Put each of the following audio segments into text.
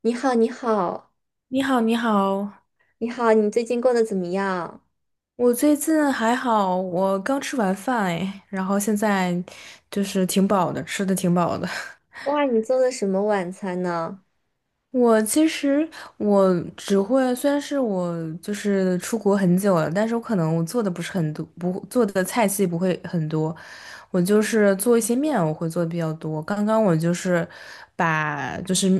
你好，你好，你好，你好，你好，你最近过得怎么样？我最近还好，我刚吃完饭哎，然后现在就是挺饱的，吃的挺饱的。哇，你做的什么晚餐呢？我其实我只会，虽然是我就是出国很久了，但是我可能我做的不是很多，不做的菜系不会很多，我就是做一些面，我会做的比较多。刚刚我就是把就是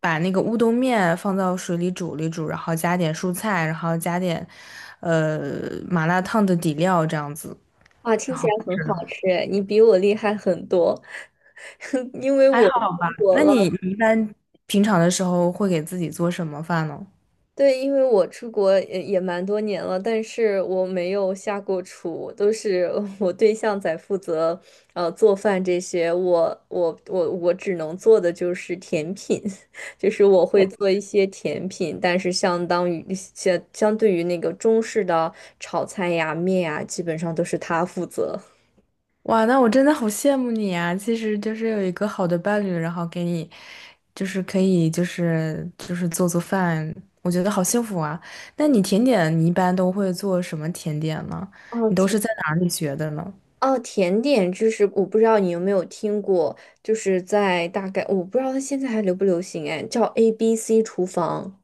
把那个乌冬面放到水里煮了一煮，然后加点蔬菜，然后加点麻辣烫的底料这样子，哇，听然起后来很是的，好吃，你比我厉害很多，因为还我好吧？出国那你了。你一般平常的时候会给自己做什么饭呢？对，因为我出国也蛮多年了，但是我没有下过厨，都是 我对象在负责，做饭这些。我只能做的就是甜品，就是我会做一些甜品，但是相对于那个中式的炒菜呀、面呀，基本上都是他负责。哇，那我真的好羡慕你啊！其实就是有一个好的伴侣，然后给你，就是可以，就是做做饭，我觉得好幸福啊。那你甜点，你一般都会做什么甜点呢？哦，你都甜，是在哪里学的呢？哦，甜点就是我不知道你有没有听过，就是在大概我不知道它现在还流不流行哎，叫 ABC 厨房。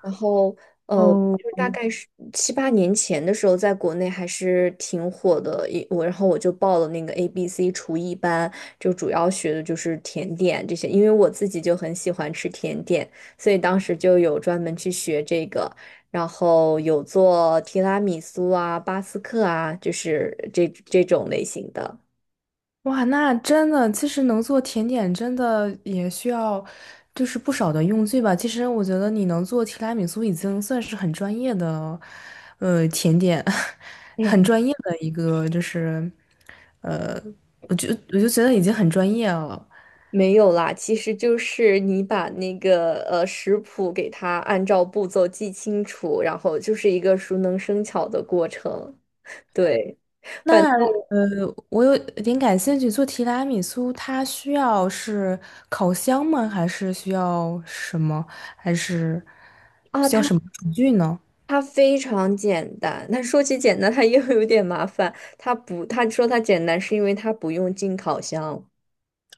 然后哦。就是大概是七八年前的时候，在国内还是挺火的。我然后我就报了那个 ABC 厨艺班，就主要学的就是甜点这些，因为我自己就很喜欢吃甜点，所以当时就有专门去学这个。然后有做提拉米苏啊、巴斯克啊，就是这种类型的。哇，那真的，其实能做甜点真的也需要，就是不少的用具吧。其实我觉得你能做提拉米苏已经算是很专业的，呃，甜点，很专业的一个，就是，呃，我就觉得已经很专业了。没有啦，其实就是你把那个食谱给它按照步骤记清楚，然后就是一个熟能生巧的过程。对那我有点感兴趣，做提拉米苏它需要是烤箱吗？还是需要什么？还是啊，需它要什么厨具呢？它非常简单。但说起简单，它又有点麻烦。它不，它说它简单是因为它不用进烤箱。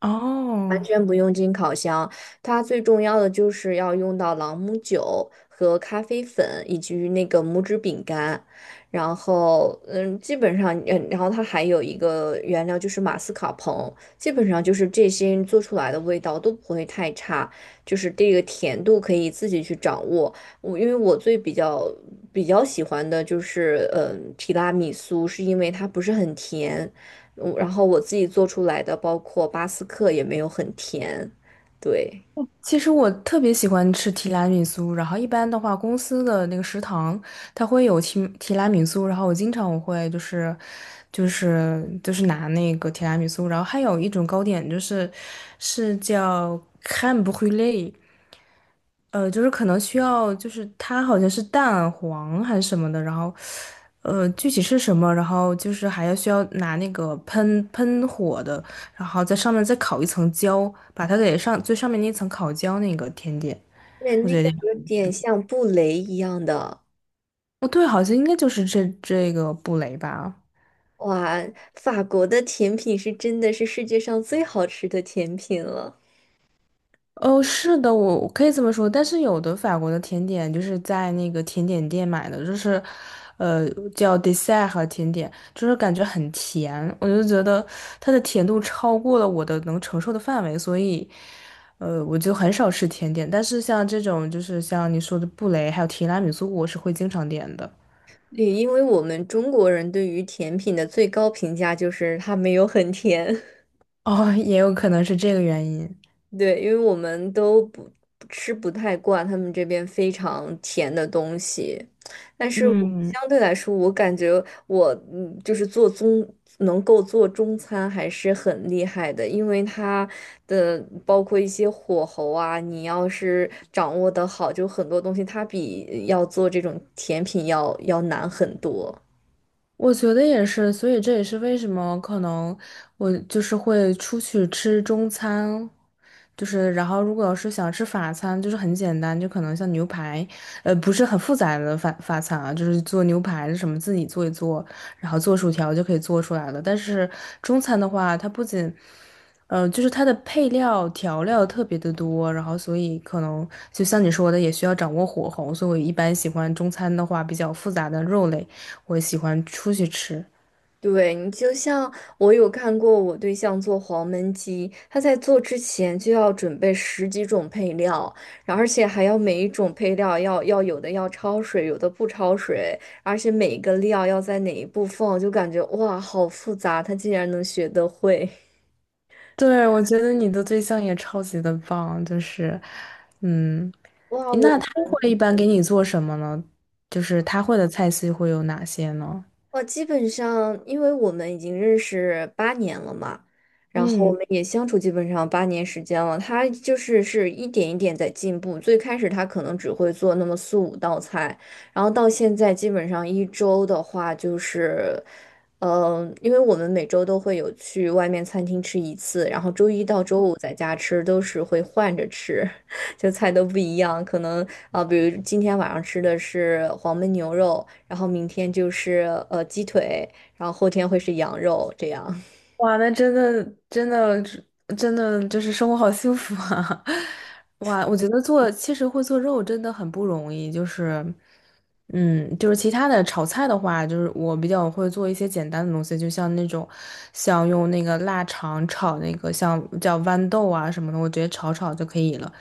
哦。不用进烤箱，它最重要的就是要用到朗姆酒和咖啡粉以及那个拇指饼干，然后基本上然后它还有一个原料就是马斯卡彭，基本上就是这些做出来的味道都不会太差，就是这个甜度可以自己去掌握。因为我最比较比较喜欢的就是，提拉米苏，是因为它不是很甜，然后我自己做出来的，包括巴斯克也没有很甜，对，其实我特别喜欢吃提拉米苏，然后一般的话，公司的那个食堂它会有提拉米苏，然后我经常我会就是拿那个提拉米苏，然后还有一种糕点是叫 crème b r û l é, 就是可能需要，就是它好像是蛋黄还是什么的，然后，具体是什么，然后就是还要需要拿那个喷喷火的，然后在上面再烤一层焦，把它给上最上面那层烤焦那个甜点，对，我那觉个得，有点像布雷一样的，哦，对，好像应该就是这个布雷吧。哇，法国的甜品是真的是世界上最好吃的甜品了。哦，是的，我可以这么说，但是有的法国的甜点就是在那个甜点店买的，就是，呃，叫 dessert 和甜点，就是感觉很甜，我就觉得它的甜度超过了我的能承受的范围，所以，我就很少吃甜点。但是像这种，就是像你说的布雷还有提拉米苏，我是会经常点的。对，因为我们中国人对于甜品的最高评价就是它没有很甜。哦，也有可能是这个原因。对，因为我们都不吃不太惯他们这边非常甜的东西，但是我嗯。相对来说，我感觉我就是能够做中餐还是很厉害的，因为它的包括一些火候啊，你要是掌握得好，就很多东西它比要做这种甜品要难很多。我觉得也是，所以这也是为什么可能我就是会出去吃中餐，就是然后如果要是想吃法餐，就是很简单，就可能像牛排，不是很复杂的法餐啊，就是做牛排什么自己做一做，然后做薯条就可以做出来了。但是中餐的话，它不仅，就是它的配料调料特别的多，然后所以可能就像你说的，也需要掌握火候，所以我一般喜欢中餐的话比较复杂的肉类。我喜欢出去吃。对你就像我有看过我对象做黄焖鸡，他在做之前就要准备十几种配料，然后而且还要每一种配料要有的要焯水，有的不焯水，而且每一个料要在哪一步放，就感觉哇好复杂，他竟然能学得会，对，我觉得你的对象也超级的棒，就是，嗯，哇！诶那我他会一般给你做什么呢？就是他会的菜系会有哪些呢？我基本上，因为我们已经认识八年了嘛，然后我嗯，们也相处基本上8年时间了。他就是一点一点在进步。最开始他可能只会做那么四五道菜，然后到现在基本上一周的话就是，因为我们每周都会有去外面餐厅吃一次，然后周一到周五在家吃，都是会换着吃。就菜都不一样，可能啊、比如今天晚上吃的是黄焖牛肉，然后明天就是鸡腿，然后后天会是羊肉这样。哇，那真的真的真的就是生活好幸福啊！哇，我觉得做其实会做肉真的很不容易，就是。嗯，就是其他的炒菜的话，就是我比较会做一些简单的东西，就像那种，像用那个腊肠炒那个像叫豌豆啊什么的，我直接炒炒就可以了。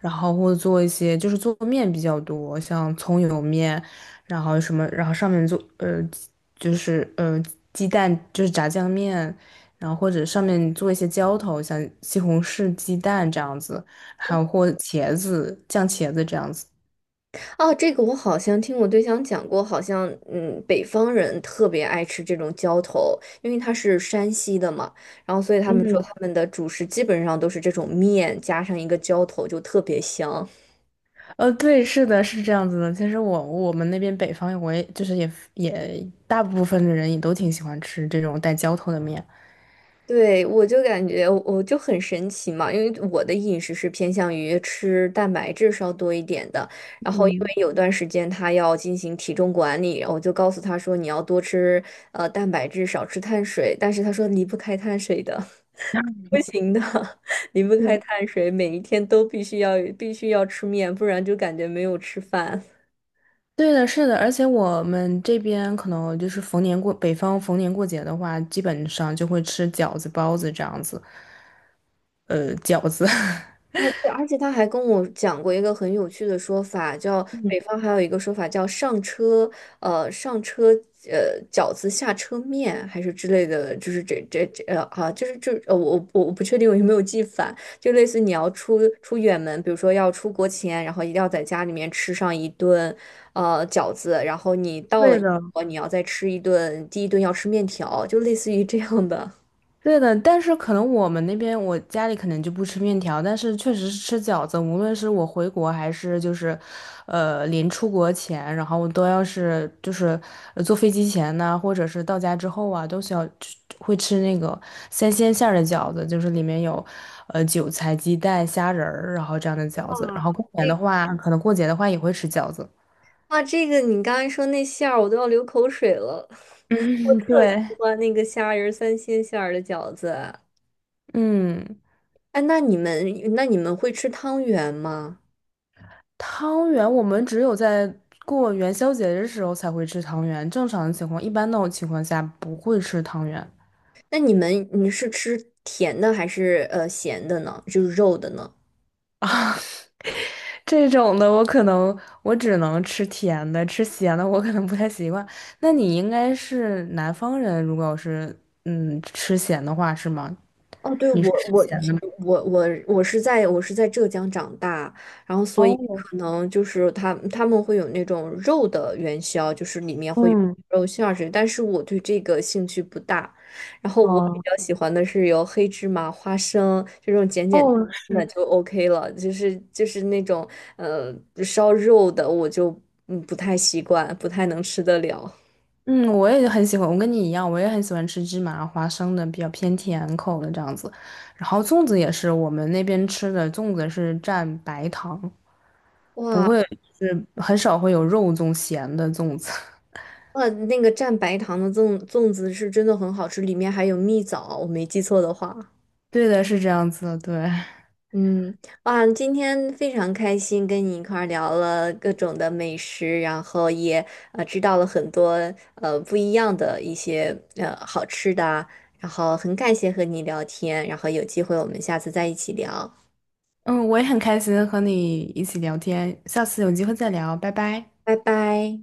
然后或者做一些就是做面比较多，像葱油面，然后什么，然后上面做就是鸡蛋就是炸酱面，然后或者上面做一些浇头，像西红柿鸡蛋这样子，还有或茄子酱茄子这样子。哦，这个我好像听我对象讲过，好像北方人特别爱吃这种浇头，因为他是山西的嘛，然后所以他们说他们的主食基本上都是这种面加上一个浇头，就特别香。对，是的，是这样子的。其实我们那边北方，我也就是也大部分的人也都挺喜欢吃这种带浇头的面。对，我就感觉我就很神奇嘛，因为我的饮食是偏向于吃蛋白质稍多一点的，然后因嗯，为有段时间他要进行体重管理，然后我就告诉他说你要多吃蛋白质，少吃碳水，但是他说离不开碳水的，不行的，离不开对，碳水，每一天都必须要吃面，不然就感觉没有吃饭。对的，是的，而且我们这边可能就是逢年过，北方逢年过节的话，基本上就会吃饺子、包子这样子。饺子，哦，对，而且他还跟我讲过一个很有趣的说法，叫北方还有一个说法叫上车，饺子下车面还是之类的，就是这这这呃啊，就是这呃，我不确定我有没有记反，就类似你要出远门，比如说要出国前，然后一定要在家里面吃上一顿饺子，然后你 到了对英的，国你要再吃一顿，第一顿要吃面条，就类似于这样的。对的，但是可能我们那边我家里可能就不吃面条，但是确实是吃饺子。无论是我回国还是就是，临出国前，然后都要是就是坐飞机前呢，或者是到家之后啊，都需要会吃那个三鲜馅儿的饺子，就是里面有韭菜、鸡蛋、虾仁儿，然后这样的饺子。然后过年的话，可能过节的话也会吃饺子。哇，这个你刚才说那馅儿，我都要流口水了。我嗯，特喜对，欢那个虾仁儿三鲜馅儿的饺子。嗯，哎，那你们会吃汤圆吗？汤圆我们只有在过元宵节的时候才会吃汤圆，正常的情况，一般那种情况下不会吃汤圆那你们你是吃甜的还是咸的呢？就是肉的呢？啊。这种的我可能我只能吃甜的，吃咸的我可能不太习惯。那你应该是南方人，如果要是吃咸的话是吗？哦，对，你是我吃我咸的其吗？我我我是在我是在浙江长大，然后所以哦，可能就是他们会有那种肉的元宵，就是里面会有嗯，肉馅儿之类，但是我对这个兴趣不大。然后我比哦，较喜欢的是有黑芝麻、花生这种简简单哦，单的是，就 OK 了，就是那种呃烧肉的我就不太习惯，不太能吃得了。嗯，我也很喜欢，我跟你一样，我也很喜欢吃芝麻花生的，比较偏甜口的这样子。然后粽子也是我们那边吃的，粽子是蘸白糖，不哇，会是很少会有肉粽咸的粽子。哇，那个蘸白糖的粽子是真的很好吃，里面还有蜜枣，我没记错的话。对的，是这样子的，对。嗯，哇，今天非常开心跟你一块儿聊了各种的美食，然后也知道了很多不一样的一些好吃的啊。然后很感谢和你聊天，然后有机会我们下次再一起聊，嗯，我也很开心和你一起聊天，下次有机会再聊，拜拜。拜拜。